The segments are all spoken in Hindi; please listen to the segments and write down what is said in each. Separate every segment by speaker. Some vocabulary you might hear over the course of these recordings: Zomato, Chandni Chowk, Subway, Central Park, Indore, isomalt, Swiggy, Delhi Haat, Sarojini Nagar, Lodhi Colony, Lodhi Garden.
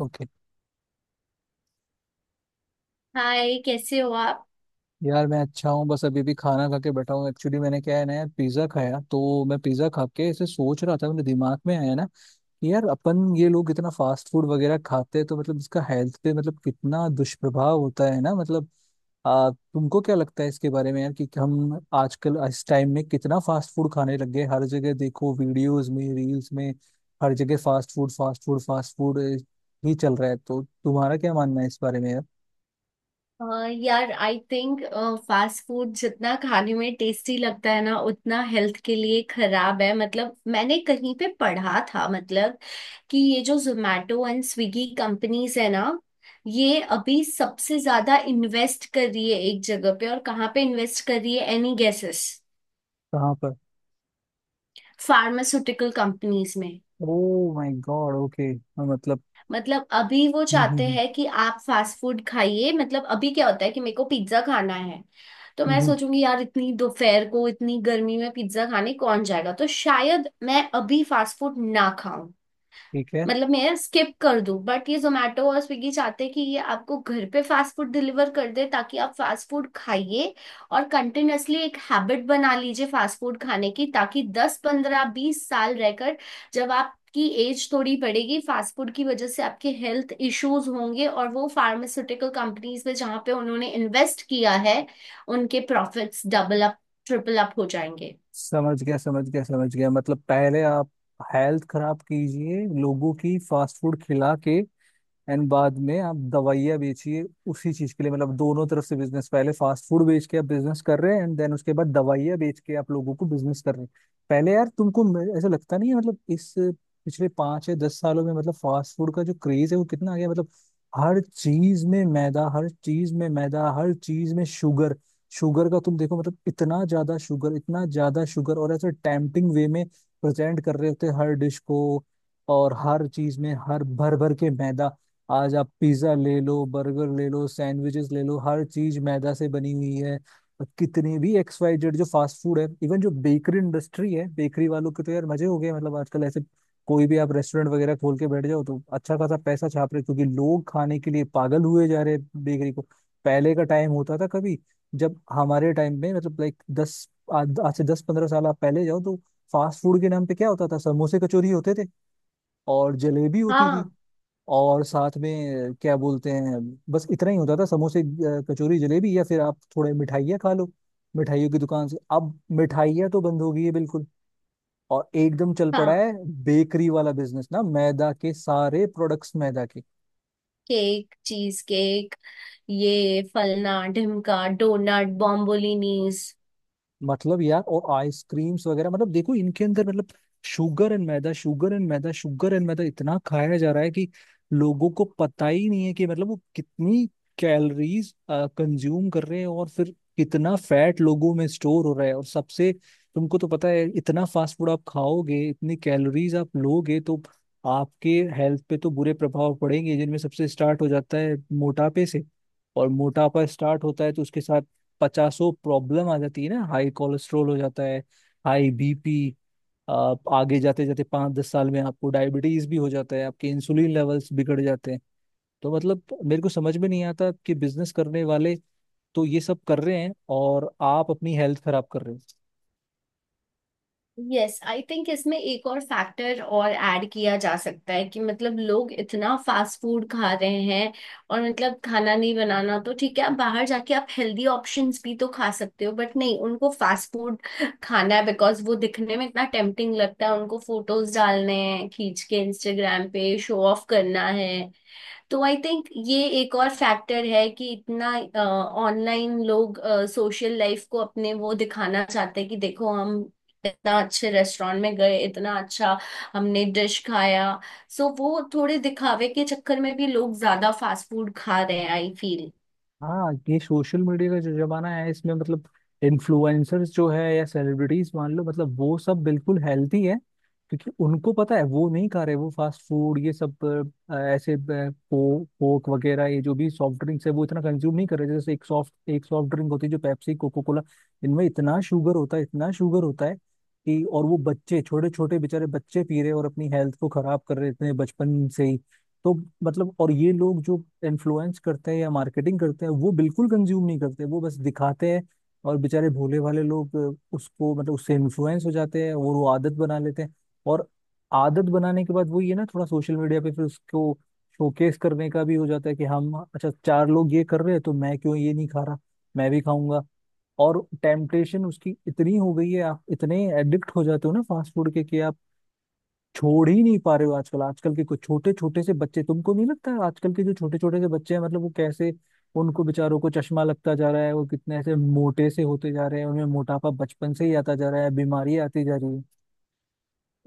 Speaker 1: ओके।
Speaker 2: हाय, कैसे हो आप?
Speaker 1: यार मैं अच्छा हूँ, बस अभी भी खाना खा के बैठा हूँ एक्चुअली। मैंने क्या है ना यार पिज्ज़ा खाया, तो मैं पिज़्ज़ा खा के ऐसे सोच रहा था। मेरे दिमाग में आया ना कि यार अपन ये लोग इतना फास्ट फूड वगैरह खाते हैं तो मतलब इसका हेल्थ पे मतलब कितना दुष्प्रभाव होता है ना, मतलब तुमको क्या लगता है इसके बारे में यार, कि हम आजकल इस टाइम में कितना फास्ट फूड खाने लग गए? हर जगह देखो, वीडियोस में, रील्स में, हर जगह fast food fast food fast food ही चल रहा है। तो तुम्हारा क्या मानना है इस बारे में यार?
Speaker 2: अ, यार, आई थिंक फास्ट फूड जितना खाने में टेस्टी लगता है ना उतना हेल्थ के लिए खराब है। मतलब मैंने कहीं पे पढ़ा था मतलब कि ये जो जोमेटो एंड स्विगी कंपनीज है ना, ये अभी सबसे ज्यादा इन्वेस्ट कर रही है एक जगह पे। और कहाँ पे इन्वेस्ट कर रही है? Any guesses?
Speaker 1: कहाँ पर?
Speaker 2: फार्मास्यूटिकल कंपनीज में।
Speaker 1: Oh my god. ओके। मतलब।
Speaker 2: मतलब अभी वो
Speaker 1: हम्म, हम्म,
Speaker 2: चाहते
Speaker 1: हम्म,
Speaker 2: हैं कि आप फास्ट फूड खाइए। मतलब अभी क्या होता है कि मेरे को पिज्जा खाना है, तो मैं
Speaker 1: हम्म।
Speaker 2: सोचूंगी यार इतनी दोपहर को इतनी गर्मी में पिज्जा खाने कौन जाएगा, तो शायद मैं अभी फास्ट फूड ना खाऊं।
Speaker 1: ठीक है।
Speaker 2: मतलब मैं स्किप कर दूं। बट ये जोमेटो और स्विगी चाहते हैं कि ये आपको घर पे फास्ट फूड डिलीवर कर दे ताकि आप फास्ट फूड खाइए और कंटिन्यूअसली एक हैबिट बना लीजिए फास्ट फूड खाने की। ताकि 10 15 20 साल रहकर जब आपकी एज थोड़ी बढ़ेगी, फास्ट फूड की वजह से आपके हेल्थ इश्यूज होंगे और वो फार्मास्यूटिकल कंपनीज में जहाँ पे उन्होंने इन्वेस्ट किया है उनके profits double up triple up हो जाएंगे।
Speaker 1: समझ गया, समझ गया, समझ गया। मतलब पहले आप हेल्थ खराब कीजिए लोगों की फास्ट फूड खिला के, एंड बाद में आप दवाइयाँ बेचिए उसी चीज के लिए। मतलब दोनों तरफ से बिजनेस। पहले फास्ट फूड बेच के आप बिजनेस कर रहे हैं, एंड देन उसके बाद दवाइयाँ बेच के आप लोगों को बिजनेस कर रहे हैं। पहले यार तुमको ऐसा लगता नहीं है मतलब इस पिछले 5 या 10 सालों में मतलब फास्ट फूड का जो क्रेज है वो कितना आ गया? मतलब हर चीज में मैदा, हर चीज में मैदा, हर चीज में शुगर। शुगर का तुम देखो, मतलब इतना ज्यादा शुगर, इतना ज्यादा शुगर, और ऐसे टेम्पटिंग वे में प्रेजेंट कर रहे होते हैं हर डिश को। और हर चीज में हर भर भर के मैदा। आज आप पिज्जा ले लो, बर्गर ले लो, सैंडविचेस ले लो, हर चीज मैदा से बनी हुई है। और कितने भी एक्स वाई जेड जो फास्ट फूड है, इवन जो बेकरी इंडस्ट्री है, बेकरी वालों के तो यार मजे हो गए। मतलब आजकल ऐसे कोई भी आप रेस्टोरेंट वगैरह खोल के बैठ जाओ तो अच्छा खासा पैसा छाप रहे, क्योंकि लोग खाने के लिए पागल हुए जा रहे हैं बेकरी को। पहले का टाइम होता था कभी, जब हमारे टाइम में मतलब लाइक 10, आज आज से 10 15 साल आप पहले जाओ तो फास्ट फूड के नाम पे क्या होता था? समोसे कचौरी होते थे, और जलेबी होती थी,
Speaker 2: हाँ।
Speaker 1: और साथ में क्या बोलते हैं, बस इतना ही होता था। समोसे, कचौरी, जलेबी, या फिर आप थोड़े मिठाइयाँ खा लो मिठाइयों की दुकान से। अब मिठाइयाँ तो बंद हो गई है बिल्कुल, और एकदम चल पड़ा
Speaker 2: हाँ।
Speaker 1: है बेकरी वाला बिजनेस, ना मैदा के सारे प्रोडक्ट्स, मैदा के।
Speaker 2: केक, चीज केक, ये फलना ढिमका डोनट बॉम्बोलिनीज।
Speaker 1: मतलब यार, और आइसक्रीम्स वगैरह, मतलब देखो इनके अंदर मतलब शुगर एंड मैदा, शुगर एंड मैदा, शुगर एंड मैदा इतना खाया जा रहा है कि लोगों को पता ही नहीं है कि मतलब वो कितनी कैलोरीज कंज्यूम कर रहे हैं, और फिर कितना फैट लोगों में स्टोर हो रहा है। और सबसे, तुमको तो पता है, इतना फास्ट फूड आप खाओगे, इतनी कैलोरीज आप लोगे, तो आपके हेल्थ पे तो बुरे प्रभाव पड़ेंगे, जिनमें सबसे स्टार्ट हो जाता है मोटापे से। और मोटापा स्टार्ट होता है तो उसके साथ पचासों प्रॉब्लम आ जाती है ना, हाई कोलेस्ट्रोल हो जाता है, हाई बीपी, आप आगे जाते जाते 5 10 साल में आपको डायबिटीज भी हो जाता है, आपके इंसुलिन लेवल्स बिगड़ जाते हैं। तो मतलब मेरे को समझ में नहीं आता कि बिजनेस करने वाले तो ये सब कर रहे हैं, और आप अपनी हेल्थ खराब कर रहे हो।
Speaker 2: यस, आई थिंक इसमें एक और फैक्टर और ऐड किया जा सकता है कि मतलब लोग इतना फास्ट फूड खा रहे हैं। और मतलब खाना नहीं बनाना तो ठीक है, आप बाहर जाके आप हेल्दी ऑप्शंस भी तो खा सकते हो। बट नहीं, उनको फास्ट फूड खाना है बिकॉज वो दिखने में इतना टेम्पटिंग लगता है। उनको फोटोज डालने हैं खींच के, इंस्टाग्राम पे शो ऑफ करना है। तो आई थिंक ये एक और फैक्टर है कि इतना ऑनलाइन लोग सोशल लाइफ को अपने वो दिखाना चाहते हैं कि देखो हम इतना अच्छे रेस्टोरेंट में गए, इतना अच्छा हमने डिश खाया। सो वो थोड़े दिखावे के चक्कर में भी लोग ज्यादा फास्ट फूड खा रहे हैं, आई फील।
Speaker 1: हाँ, ये सोशल मीडिया का जो जमाना है इसमें मतलब इन्फ्लुएंसर्स जो है, या सेलिब्रिटीज, मान लो मतलब वो सब बिल्कुल हेल्थी है, क्योंकि उनको पता है वो नहीं खा रहे वो फास्ट फूड ये सब, ऐसे कोक कोक वगैरह, ये जो भी सॉफ्ट ड्रिंक्स है वो इतना कंज्यूम नहीं कर रहे। जैसे एक सॉफ्ट ड्रिंक होती है जो पेप्सी कोको कोला, इनमें इतना शुगर होता है, इतना शुगर होता है, कि और वो बच्चे, छोटे छोटे बेचारे बच्चे पी रहे हैं और अपनी हेल्थ को खराब कर रहे हैं इतने बचपन से ही। तो मतलब, और ये लोग जो इन्फ्लुएंस करते हैं या मार्केटिंग करते हैं वो बिल्कुल कंज्यूम नहीं करते, वो बस दिखाते हैं। और बेचारे भोले भाले लोग उसको मतलब उससे इन्फ्लुएंस हो जाते हैं और वो आदत बना लेते हैं। और आदत बनाने के बाद वो, ये ना थोड़ा सोशल मीडिया पे फिर उसको शोकेस करने का भी हो जाता है कि हम, अच्छा चार लोग ये कर रहे हैं तो मैं क्यों ये नहीं खा रहा, मैं भी खाऊंगा। और टेम्पटेशन उसकी इतनी हो गई है, आप इतने एडिक्ट हो जाते हो ना फास्ट फूड के, कि आप छोड़ ही नहीं पा रहे हो। आजकल, आजकल के कुछ छोटे छोटे से बच्चे, तुमको नहीं लगता है आजकल के जो छोटे छोटे से बच्चे हैं, मतलब वो कैसे, उनको बेचारों को चश्मा लगता जा रहा है, वो कितने ऐसे मोटे से होते जा रहे हैं, उनमें मोटापा बचपन से ही आता जा रहा है, बीमारी आती जा रही है।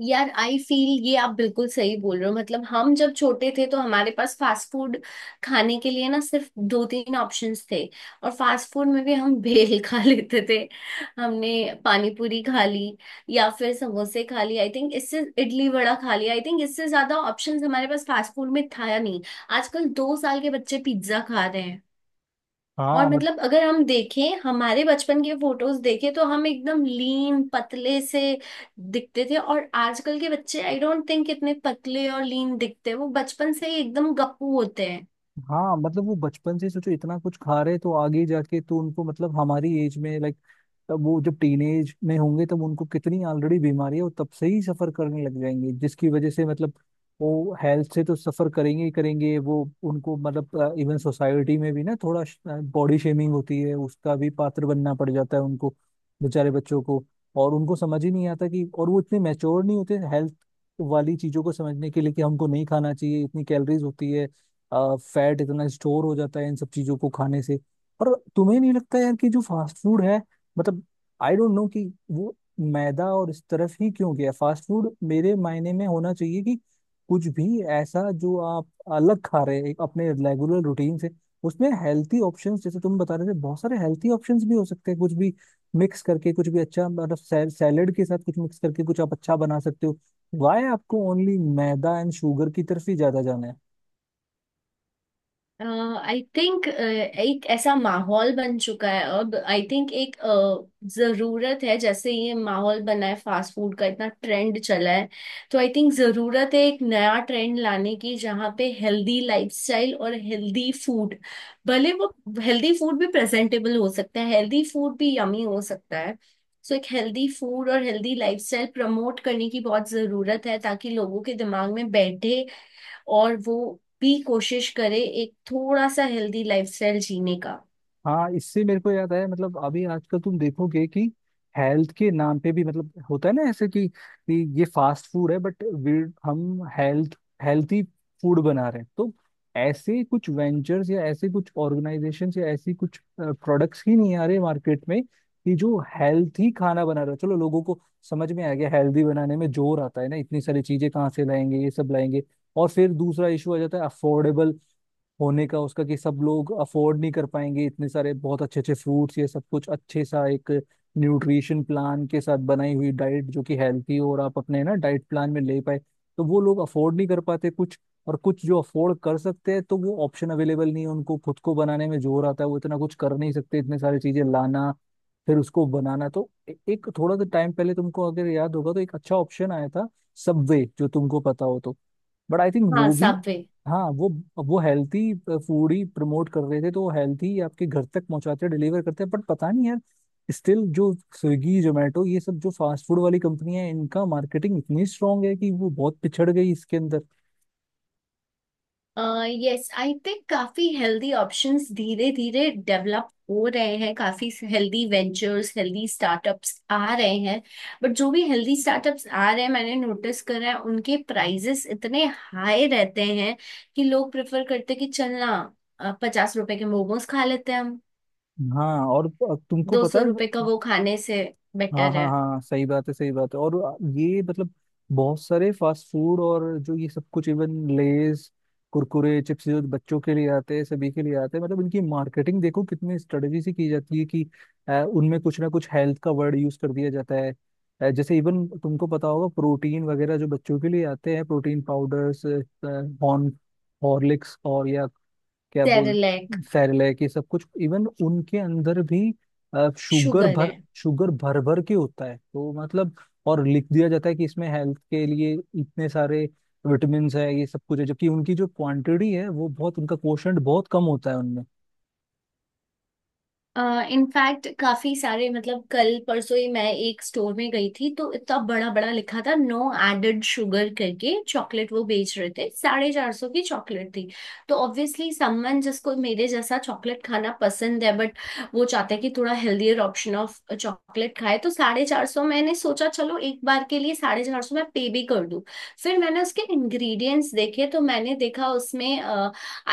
Speaker 2: यार, आई फील ये आप बिल्कुल सही बोल रहे हो। मतलब हम जब छोटे थे तो हमारे पास फास्ट फूड खाने के लिए ना सिर्फ दो तीन ऑप्शंस थे। और फास्ट फूड में भी हम भेल खा लेते थे, हमने पानी पूरी खा ली, या फिर समोसे खा लिए आई थिंक। इससे, इडली वड़ा खा लिया आई थिंक। इससे ज्यादा ऑप्शंस हमारे पास फास्ट फूड में था या नहीं। आजकल 2 साल के बच्चे पिज्जा खा रहे हैं। और
Speaker 1: हाँ,
Speaker 2: मतलब अगर हम देखें हमारे बचपन के फोटोज देखें तो हम एकदम लीन पतले से दिखते थे, और आजकल के बच्चे आई डोंट थिंक इतने पतले और लीन दिखते हैं। वो बचपन से ही एकदम गप्पू होते हैं।
Speaker 1: हाँ। मतलब वो बचपन से सोचो इतना कुछ खा रहे तो आगे जाके तो उनको मतलब हमारी एज में, लाइक तब वो जब टीनेज में होंगे, तब उनको कितनी ऑलरेडी बीमारी है वो तब से ही सफर करने लग जाएंगे, जिसकी वजह से मतलब वो हेल्थ से तो सफर करेंगे ही करेंगे। वो उनको मतलब इवन सोसाइटी में भी ना थोड़ा बॉडी शेमिंग होती है, उसका भी पात्र बनना पड़ जाता है उनको, बेचारे बच्चों को। और उनको समझ ही नहीं आता कि, और वो इतने मैच्योर नहीं होते हेल्थ वाली चीजों को समझने के लिए, कि हमको नहीं खाना चाहिए, इतनी कैलोरीज होती है, फैट इतना स्टोर हो जाता है इन सब चीजों को खाने से। पर तुम्हें नहीं लगता यार कि जो फास्ट फूड है, मतलब आई डोंट नो कि वो मैदा और इस तरफ ही क्यों गया? फास्ट फूड मेरे मायने में होना चाहिए कि कुछ भी ऐसा जो आप अलग खा रहे हैं एक अपने रेगुलर रूटीन से, उसमें हेल्थी ऑप्शंस, जैसे तुम बता रहे थे बहुत सारे हेल्थी ऑप्शंस भी हो सकते हैं, कुछ भी मिक्स करके कुछ भी अच्छा, मतलब सैलेड के साथ कुछ मिक्स करके कुछ आप अच्छा बना सकते हो। वाई आपको ओनली मैदा एंड शुगर की तरफ ही ज्यादा जाना है?
Speaker 2: आई थिंक एक ऐसा माहौल बन चुका है अब। आई थिंक एक जरूरत है। जैसे ये माहौल बना है फास्ट फूड का, इतना ट्रेंड चला है, तो आई थिंक जरूरत है एक नया ट्रेंड लाने की जहाँ पे हेल्दी लाइफस्टाइल और हेल्दी फूड, भले वो हेल्दी फूड भी प्रेजेंटेबल हो सकता है, हेल्दी फूड भी यमी हो सकता है। सो एक हेल्दी फूड और हेल्दी लाइफस्टाइल प्रमोट करने की बहुत जरूरत है ताकि लोगों के दिमाग में बैठे और वो भी कोशिश करे एक थोड़ा सा हेल्दी लाइफस्टाइल जीने का।
Speaker 1: हाँ, इससे मेरे को याद आया, मतलब अभी आजकल तुम देखोगे कि हेल्थ के नाम पे भी मतलब होता है ना ऐसे कि ये फास्ट फूड है, बट हम हेल्थी फूड बना रहे हैं। तो ऐसे कुछ वेंचर्स, या ऐसे कुछ ऑर्गेनाइजेशंस, या ऐसी कुछ प्रोडक्ट्स ही नहीं आ रहे मार्केट में, कि जो हेल्थी खाना बना रहा है, चलो लोगों को समझ में आ गया। हेल्दी बनाने में जोर आता है ना, इतनी सारी चीजें कहाँ से लाएंगे, ये सब लाएंगे। और फिर दूसरा इशू आ जाता है अफोर्डेबल होने का उसका, कि सब लोग अफोर्ड नहीं कर पाएंगे इतने सारे बहुत अच्छे अच्छे फ्रूट्स, ये सब कुछ अच्छे सा एक न्यूट्रिशन प्लान के साथ बनाई हुई डाइट जो कि हेल्थी हो और आप अपने ना डाइट प्लान में ले पाए। तो वो लोग अफोर्ड नहीं कर पाते कुछ, और कुछ जो अफोर्ड कर सकते हैं, तो वो ऑप्शन अवेलेबल नहीं है, उनको खुद को बनाने में जोर आता है, वो इतना कुछ कर नहीं सकते, इतने सारी चीजें लाना, फिर उसको बनाना। तो एक थोड़ा सा टाइम पहले, तुमको अगर याद होगा तो एक अच्छा ऑप्शन आया था, सबवे, जो तुमको पता हो तो, बट आई थिंक
Speaker 2: हाँ,
Speaker 1: वो भी,
Speaker 2: सबवे।
Speaker 1: हाँ वो हेल्थी फूड ही प्रमोट कर रहे थे। तो वो हेल्थी आपके घर तक पहुंचाते हैं, डिलीवर करते हैं, बट पता नहीं यार, स्टिल जो स्विगी जोमेटो ये सब जो फास्ट फूड वाली कंपनियां हैं, इनका मार्केटिंग इतनी स्ट्रांग है कि वो बहुत पिछड़ गई इसके अंदर।
Speaker 2: यस, आई थिंक काफी हेल्दी ऑप्शंस धीरे धीरे डेवलप हो रहे हैं, काफी हेल्दी वेंचर्स हेल्दी स्टार्टअप्स आ रहे हैं। बट जो भी हेल्दी स्टार्टअप्स आ रहे हैं मैंने नोटिस करा है उनके प्राइजेस इतने हाई रहते हैं कि लोग प्रेफर करते हैं कि चलना ₹50 के मोमोज खा लेते हैं हम,
Speaker 1: हाँ, और तुमको
Speaker 2: दो
Speaker 1: पता
Speaker 2: सौ
Speaker 1: है,
Speaker 2: रुपए का वो खाने से
Speaker 1: हाँ
Speaker 2: बेटर
Speaker 1: हाँ
Speaker 2: है।
Speaker 1: हाँ, सही बात है, सही बात है। और ये मतलब बहुत सारे फास्ट फूड और जो ये सब कुछ, इवन लेज, कुरकुरे, चिप्स जो बच्चों के लिए आते हैं, सभी के लिए आते हैं, मतलब इनकी मार्केटिंग देखो कितने स्ट्रेटजी से की जाती है, कि उनमें कुछ ना कुछ हेल्थ का वर्ड यूज कर दिया जाता है। जैसे इवन तुमको पता होगा प्रोटीन वगैरह जो बच्चों के लिए आते हैं, प्रोटीन पाउडर्स, हॉर्न हॉर्लिक्स और, या क्या बोल,
Speaker 2: सेरेलैक।
Speaker 1: सेरेलैक, ये सब कुछ, इवन उनके अंदर भी शुगर
Speaker 2: शुगर
Speaker 1: भर,
Speaker 2: है।
Speaker 1: शुगर भर भर के होता है तो मतलब। और लिख दिया जाता है कि इसमें हेल्थ के लिए इतने सारे विटामिन है, ये सब कुछ है, जबकि उनकी जो क्वांटिटी है वो बहुत, उनका कोशंट बहुत कम होता है उनमें।
Speaker 2: इनफैक्ट काफी सारे, मतलब कल परसों ही मैं एक स्टोर में गई थी तो इतना बड़ा बड़ा लिखा था नो एडेड शुगर करके, चॉकलेट वो बेच रहे थे, 450 की चॉकलेट थी। तो ऑब्वियसली समवन जिसको मेरे जैसा चॉकलेट खाना पसंद है बट वो चाहता है कि थोड़ा हेल्दियर ऑप्शन ऑफ चॉकलेट खाए, तो 450 मैंने सोचा चलो एक बार के लिए 450 मैं पे भी कर दूं। फिर मैंने उसके इंग्रेडिएंट्स देखे तो मैंने देखा उसमें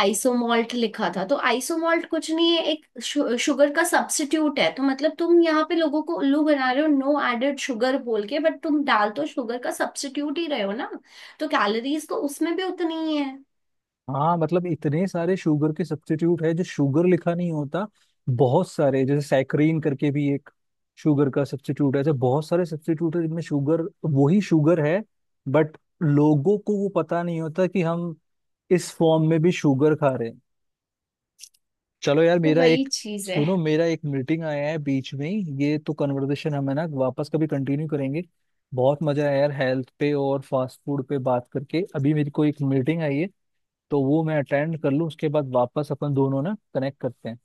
Speaker 2: आइसोमॉल्ट लिखा था। तो आइसोमॉल्ट कुछ नहीं है, एक शुगर का सब्स्टिट्यूट है। तो मतलब तुम यहाँ पे लोगों को उल्लू बना रहे हो नो एडेड शुगर बोल के, बट तुम डाल तो शुगर का सब्स्टिट्यूट ही रहे हो ना। तो कैलोरीज तो उसमें भी उतनी ही है।
Speaker 1: हाँ, मतलब इतने सारे शुगर के सब्स्टिट्यूट है जो शुगर लिखा नहीं होता। बहुत सारे, जैसे सैकरीन करके भी एक शुगर का सब्स्टिट्यूट है, ऐसे बहुत सारे सब्स्टिट्यूट है जिनमें शुगर वही शुगर है। बट लोगों को वो पता नहीं होता कि हम इस फॉर्म में भी शुगर खा रहे हैं। चलो यार
Speaker 2: तो
Speaker 1: मेरा
Speaker 2: वही
Speaker 1: एक
Speaker 2: चीज है।
Speaker 1: सुनो, मेरा एक मीटिंग आया है बीच में ही। ये तो कन्वर्सेशन हम है ना वापस कभी कंटिन्यू करेंगे, बहुत मजा आया यार हेल्थ पे और फास्ट फूड पे बात करके। अभी मेरी को एक मीटिंग आई है, तो वो मैं अटेंड कर लूँ उसके बाद वापस अपन दोनों ना कनेक्ट करते हैं।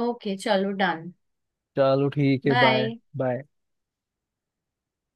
Speaker 2: ओके, चलो डन।
Speaker 1: चलो ठीक है, बाय।
Speaker 2: बाय।
Speaker 1: बाय।